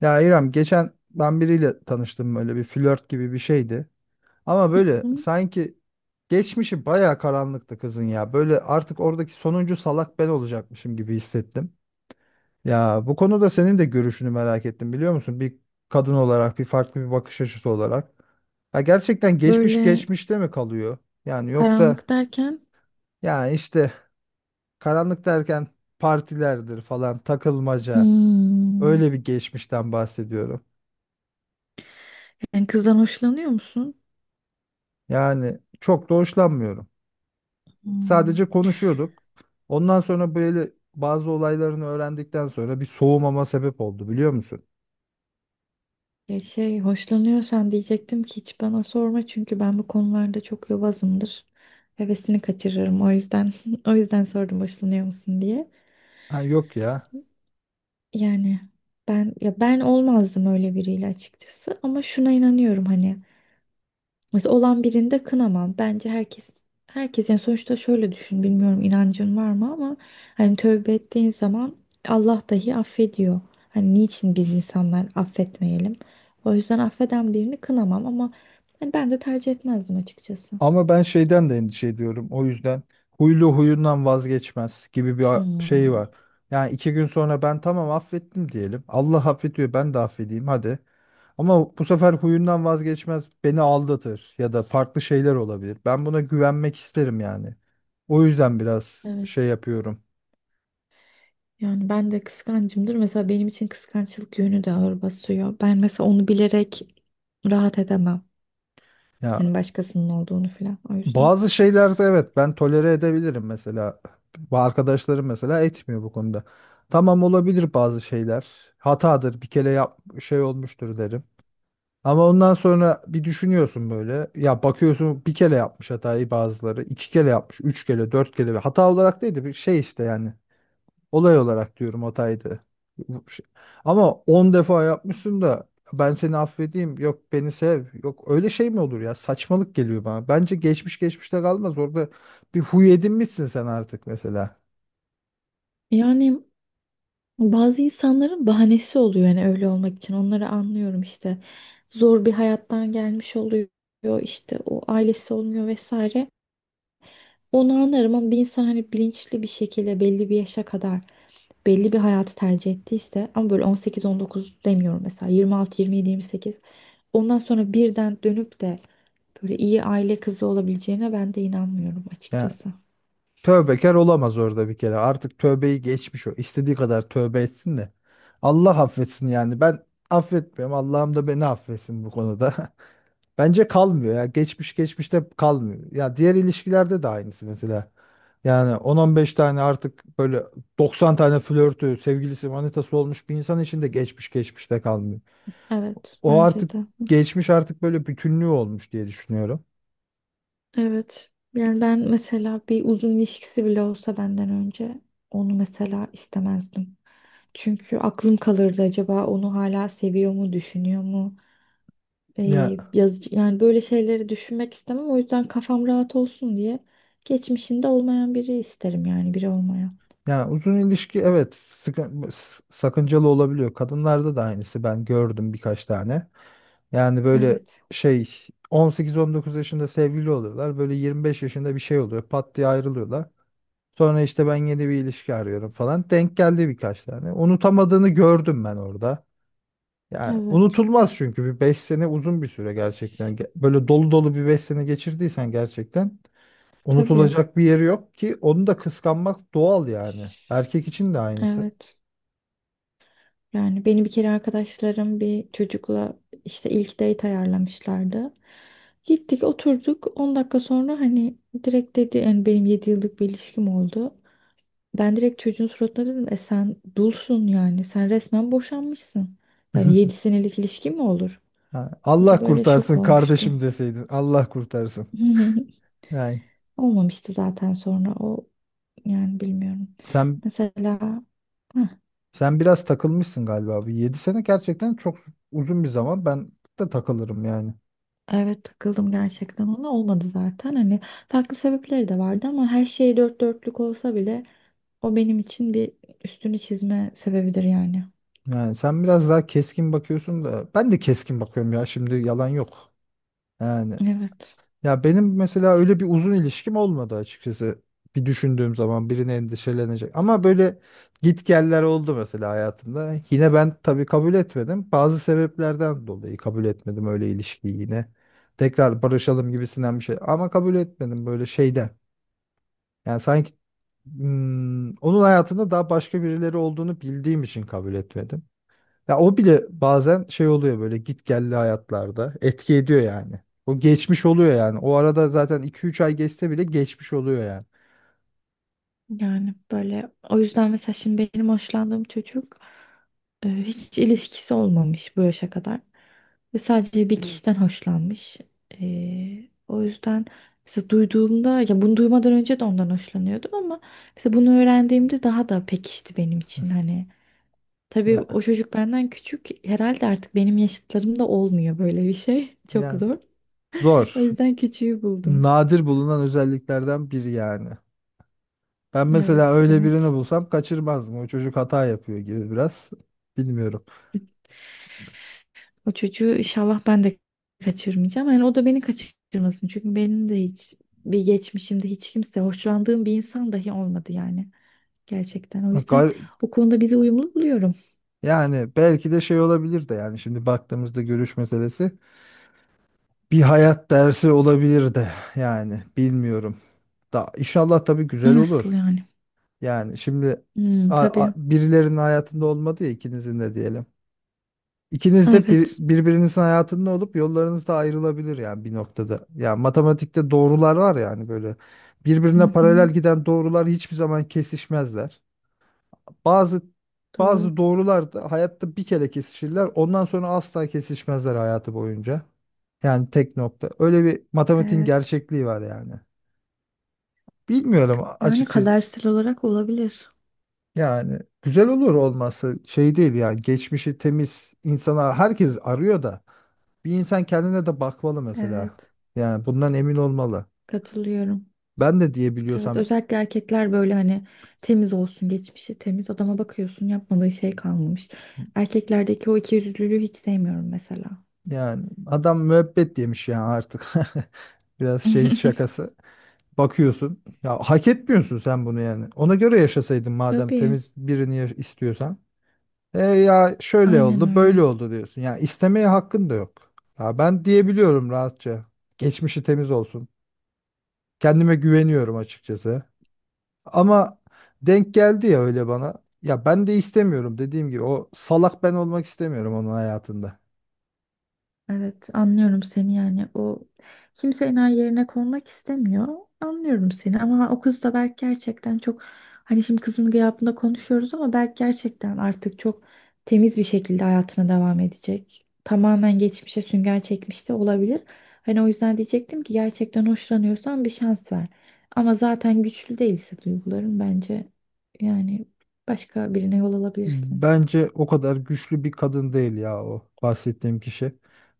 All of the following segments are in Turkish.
Ya İrem geçen ben biriyle tanıştım, böyle bir flört gibi bir şeydi. Ama böyle Hı. sanki geçmişi bayağı karanlıktı kızın ya. Böyle artık oradaki sonuncu salak ben olacakmışım gibi hissettim. Ya bu konuda senin de görüşünü merak ettim, biliyor musun? Bir kadın olarak, bir farklı bir bakış açısı olarak. Ya gerçekten geçmiş Böyle geçmişte mi kalıyor? Yani yoksa karanlık derken ya işte, karanlık derken partilerdir falan takılmaca, hmm, öyle bir geçmişten bahsediyorum. yani kızdan hoşlanıyor musun? Yani çok da hoşlanmıyorum. Hmm. Sadece konuşuyorduk. Ondan sonra böyle bazı olaylarını öğrendikten sonra bir soğumama sebep oldu, biliyor musun? Ya şey hoşlanıyorsan diyecektim ki hiç bana sorma çünkü ben bu konularda çok yobazımdır. Hevesini kaçırırım o yüzden o yüzden sordum hoşlanıyor musun diye. Ha yok ya. Yani ben olmazdım öyle biriyle açıkçası ama şuna inanıyorum hani mesela olan birinde kınamam. Bence herkes yani sonuçta şöyle düşün. Bilmiyorum inancın var mı ama hani tövbe ettiğin zaman Allah dahi affediyor. Hani niçin biz insanlar affetmeyelim? O yüzden affeden birini kınamam ama hani ben de tercih etmezdim açıkçası. Ama ben şeyden de endişe ediyorum. O yüzden huylu huyundan vazgeçmez gibi bir şey Hmm, var. Yani iki gün sonra ben tamam affettim diyelim. Allah affediyor, ben de affedeyim hadi. Ama bu sefer huyundan vazgeçmez, beni aldatır ya da farklı şeyler olabilir. Ben buna güvenmek isterim yani. O yüzden biraz şey evet. yapıyorum. Yani ben de kıskancımdır. Mesela benim için kıskançlık yönü de ağır basıyor. Ben mesela onu bilerek rahat edemem. Ya Yani başkasının olduğunu falan o yüzden. bazı şeylerde evet, ben tolere edebilirim mesela. Bu arkadaşlarım mesela etmiyor bu konuda. Tamam, olabilir bazı şeyler. Hatadır, bir kere yap, şey olmuştur derim. Ama ondan sonra bir düşünüyorsun böyle. Ya bakıyorsun, bir kere yapmış hatayı bazıları. İki kere yapmış. Üç kere, dört kere. Hata olarak değil de bir şey işte yani. Olay olarak diyorum, hataydı. Bu şey- Ama 10 defa yapmışsın da ben seni affedeyim. Yok beni sev. Yok, öyle şey mi olur ya? Saçmalık geliyor bana. Bence geçmiş geçmişte kalmaz. Orada bir huy edinmişsin sen artık mesela. yani Bazı insanların bahanesi oluyor yani öyle olmak için. Onları anlıyorum işte. Zor bir hayattan gelmiş oluyor. İşte o ailesi olmuyor vesaire. Onu anlarım ama bir insan hani bilinçli bir şekilde belli bir yaşa kadar belli bir hayatı tercih ettiyse ama böyle 18-19 demiyorum, mesela 26, 27, 28, ondan sonra birden dönüp de böyle iyi aile kızı olabileceğine ben de inanmıyorum Yani açıkçası. tövbekar olamaz orada bir kere. Artık tövbeyi geçmiş o. İstediği kadar tövbe etsin de. Allah affetsin yani. Ben affetmiyorum. Allah'ım da beni affetsin bu konuda. Bence kalmıyor ya. Geçmiş geçmişte kalmıyor. Ya diğer ilişkilerde de aynısı mesela. Yani 10-15 tane, artık böyle 90 tane flörtü, sevgilisi, manitası olmuş bir insan için de geçmiş geçmişte kalmıyor. Evet, O bence artık, de. geçmiş artık böyle bütünlüğü olmuş diye düşünüyorum. Evet. Yani ben mesela bir uzun ilişkisi bile olsa benden önce onu mesela istemezdim. Çünkü aklım kalırdı, acaba onu hala seviyor mu, düşünüyor mu? Ya Yazıcı, yani böyle şeyleri düşünmek istemem. O yüzden kafam rahat olsun diye geçmişinde olmayan biri isterim, yani biri olmayan. ya uzun ilişki evet, sakıncalı olabiliyor. Kadınlarda da aynısı, ben gördüm birkaç tane. Yani böyle Evet. şey, 18-19 yaşında sevgili oluyorlar. Böyle 25 yaşında bir şey oluyor. Pat diye ayrılıyorlar. Sonra işte ben yeni bir ilişki arıyorum falan. Denk geldi birkaç tane. Unutamadığını gördüm ben orada. Yani Evet. unutulmaz, çünkü bir 5 sene uzun bir süre gerçekten. Böyle dolu dolu bir 5 sene geçirdiysen gerçekten Tabii. unutulacak bir yeri yok ki, onu da kıskanmak doğal yani. Erkek için de aynısı. Evet. Yani beni bir kere arkadaşlarım bir çocukla işte ilk date ayarlamışlardı. Gittik, oturduk, 10 dakika sonra hani direkt dedi yani, benim 7 yıllık bir ilişkim oldu. Ben direkt çocuğun suratına dedim, e sen dulsun yani, sen resmen boşanmışsın. Yani 7 senelik ilişki mi olur? Ha, O da Allah böyle şok kurtarsın olmuştu. kardeşim deseydin. Allah kurtarsın. Yani Olmamıştı zaten sonra o, yani bilmiyorum. sen Mesela heh, sen biraz takılmışsın galiba. Bir 7 sene gerçekten çok uzun bir zaman. Ben de takılırım yani. Evet, takıldım gerçekten, ona olmadı zaten, hani farklı sebepleri de vardı ama her şey dört dörtlük olsa bile o benim için bir üstünü çizme sebebidir yani. Yani sen biraz daha keskin bakıyorsun da ben de keskin bakıyorum ya, şimdi yalan yok. Yani Evet, ya benim mesela öyle bir uzun ilişkim olmadı açıkçası. Bir düşündüğüm zaman birine endişelenecek. Ama böyle gitgeller oldu mesela hayatımda. Yine ben tabii kabul etmedim. Bazı sebeplerden dolayı kabul etmedim öyle ilişkiyi yine. Tekrar barışalım gibisinden bir şey. Ama kabul etmedim böyle şeyden. Yani sanki onun hayatında daha başka birileri olduğunu bildiğim için kabul etmedim. Ya o bile bazen şey oluyor, böyle git gelli hayatlarda etki ediyor yani. O geçmiş oluyor yani. O arada zaten iki üç ay geçse bile geçmiş oluyor yani. yani böyle, o yüzden mesela şimdi benim hoşlandığım çocuk hiç ilişkisi olmamış bu yaşa kadar ve sadece bir kişiden hoşlanmış. O yüzden mesela duyduğumda, ya bunu duymadan önce de ondan hoşlanıyordum ama mesela bunu öğrendiğimde daha da pekişti benim için hani. Tabii o Ya, çocuk benden küçük. Herhalde artık benim yaşıtlarımda olmuyor böyle bir şey. Çok yani zor. O zor. yüzden küçüğü buldum. Nadir bulunan özelliklerden biri yani. Ben mesela Evet, öyle birini evet. bulsam kaçırmazdım. O çocuk hata yapıyor gibi biraz. Bilmiyorum. O çocuğu inşallah ben de kaçırmayacağım. Yani o da beni kaçırmasın. Çünkü benim de hiç, bir geçmişimde hiç kimse, hoşlandığım bir insan dahi olmadı yani. Gerçekten. O yüzden Gar- o konuda bizi uyumlu buluyorum. Yani belki de şey olabilir de, yani şimdi baktığımızda görüş meselesi bir hayat dersi olabilir de yani, bilmiyorum. Da inşallah tabii güzel Nasıl olur. yani? Yani şimdi, Hmm, tabii. birilerinin hayatında olmadı ya, ikinizin de diyelim. İkiniz de bir, Evet. birbirinizin hayatında olup yollarınız da ayrılabilir yani bir noktada. Ya matematikte doğrular var yani, böyle Hı birbirine hı, paralel giden doğrular hiçbir zaman kesişmezler. Bazı doğru. bazı doğrular da hayatta bir kere kesişirler. Ondan sonra asla kesişmezler hayatı boyunca. Yani tek nokta. Öyle bir matematiğin Evet. gerçekliği var yani. Bilmiyorum Yani açıkçası. kadersel olarak olabilir. Yani güzel olur, olması şey değil yani, geçmişi temiz insana herkes arıyor da. Bir insan kendine de bakmalı mesela. Evet. Yani bundan emin olmalı. Katılıyorum. Ben de Evet, diyebiliyorsam, özellikle erkekler böyle hani temiz olsun, geçmişi temiz adama bakıyorsun, yapmadığı şey kalmamış. Erkeklerdeki o ikiyüzlülüğü hiç sevmiyorum mesela. yani adam müebbet yemiş yani artık. Biraz şey şakası. Bakıyorsun. Ya hak etmiyorsun sen bunu yani. Ona göre yaşasaydın madem Tabii. temiz birini istiyorsan. E ya şöyle Aynen oldu, öyle. böyle oldu diyorsun. Ya istemeye hakkın da yok. Ya ben diyebiliyorum rahatça. Geçmişi temiz olsun. Kendime güveniyorum açıkçası. Ama denk geldi ya öyle bana. Ya ben de istemiyorum, dediğim gibi o salak ben olmak istemiyorum onun hayatında. Evet, anlıyorum seni yani. O, kimse enayi yerine konmak istemiyor. Anlıyorum seni ama o kız da belki gerçekten çok, hani şimdi kızın gıyabında konuşuyoruz ama belki gerçekten artık çok temiz bir şekilde hayatına devam edecek. Tamamen geçmişe sünger çekmiş de olabilir. Hani o yüzden diyecektim ki, gerçekten hoşlanıyorsan bir şans ver. Ama zaten güçlü değilse duyguların, bence yani başka birine yol alabilirsin. Bence o kadar güçlü bir kadın değil ya o bahsettiğim kişi.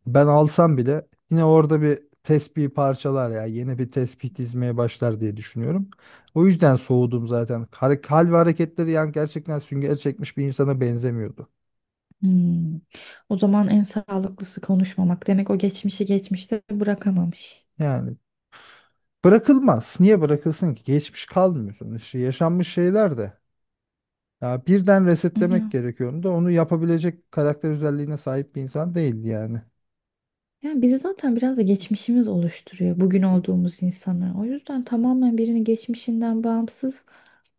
Ben alsam bile yine orada bir tespih parçalar ya, yeni bir tespih dizmeye başlar diye düşünüyorum. O yüzden soğudum zaten. Hal ve hareketleri yani gerçekten sünger çekmiş bir insana benzemiyordu. Hmm. O zaman en sağlıklısı konuşmamak. Demek o geçmişi geçmişte bırakamamış. Yani bırakılmaz. Niye bırakılsın ki? Geçmiş kalmıyor sonuçta. Yaşanmış şeyler de. Ya birden resetlemek Ya. gerekiyordu da onu yapabilecek karakter özelliğine sahip bir insan değildi yani. Yani bizi zaten biraz da geçmişimiz oluşturuyor bugün olduğumuz insanı. O yüzden tamamen birini geçmişinden bağımsız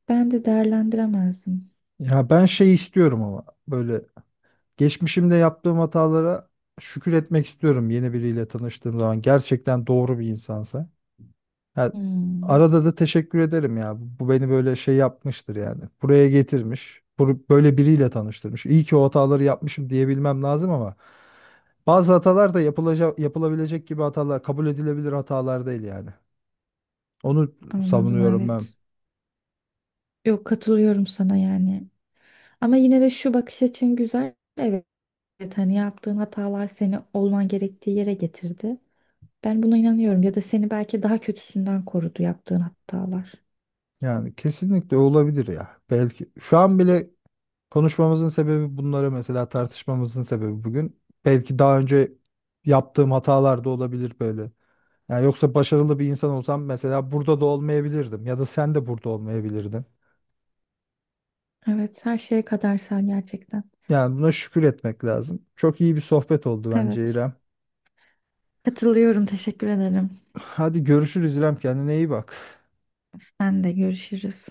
ben de değerlendiremezdim. Ya ben şey istiyorum ama böyle, geçmişimde yaptığım hatalara şükür etmek istiyorum yeni biriyle tanıştığım zaman. Gerçekten doğru bir insansa. Ha, Hmm. arada da teşekkür ederim ya. Bu beni böyle şey yapmıştır yani. Buraya getirmiş. Böyle biriyle tanıştırmış. İyi ki o hataları yapmışım diyebilmem lazım ama bazı hatalar da yapılacak, yapılabilecek gibi hatalar, kabul edilebilir hatalar değil yani. Onu Anladım, savunuyorum ben. evet. Yok, katılıyorum sana yani. Ama yine de şu bakış açın güzel. Evet, hani yaptığın hatalar seni olman gerektiği yere getirdi. Ben buna inanıyorum, ya da seni belki daha kötüsünden korudu yaptığın hatalar. Yani kesinlikle olabilir ya. Belki şu an bile konuşmamızın sebebi, bunları mesela tartışmamızın sebebi bugün, belki daha önce yaptığım hatalar da olabilir böyle. Yani yoksa başarılı bir insan olsam mesela burada da olmayabilirdim ya da sen de burada olmayabilirdin. Evet, her şeye kadersel gerçekten. Yani buna şükür etmek lazım. Çok iyi bir sohbet oldu bence Evet. İrem. Katılıyorum, teşekkür ederim. Hadi görüşürüz İrem, kendine iyi bak. Sen de, görüşürüz.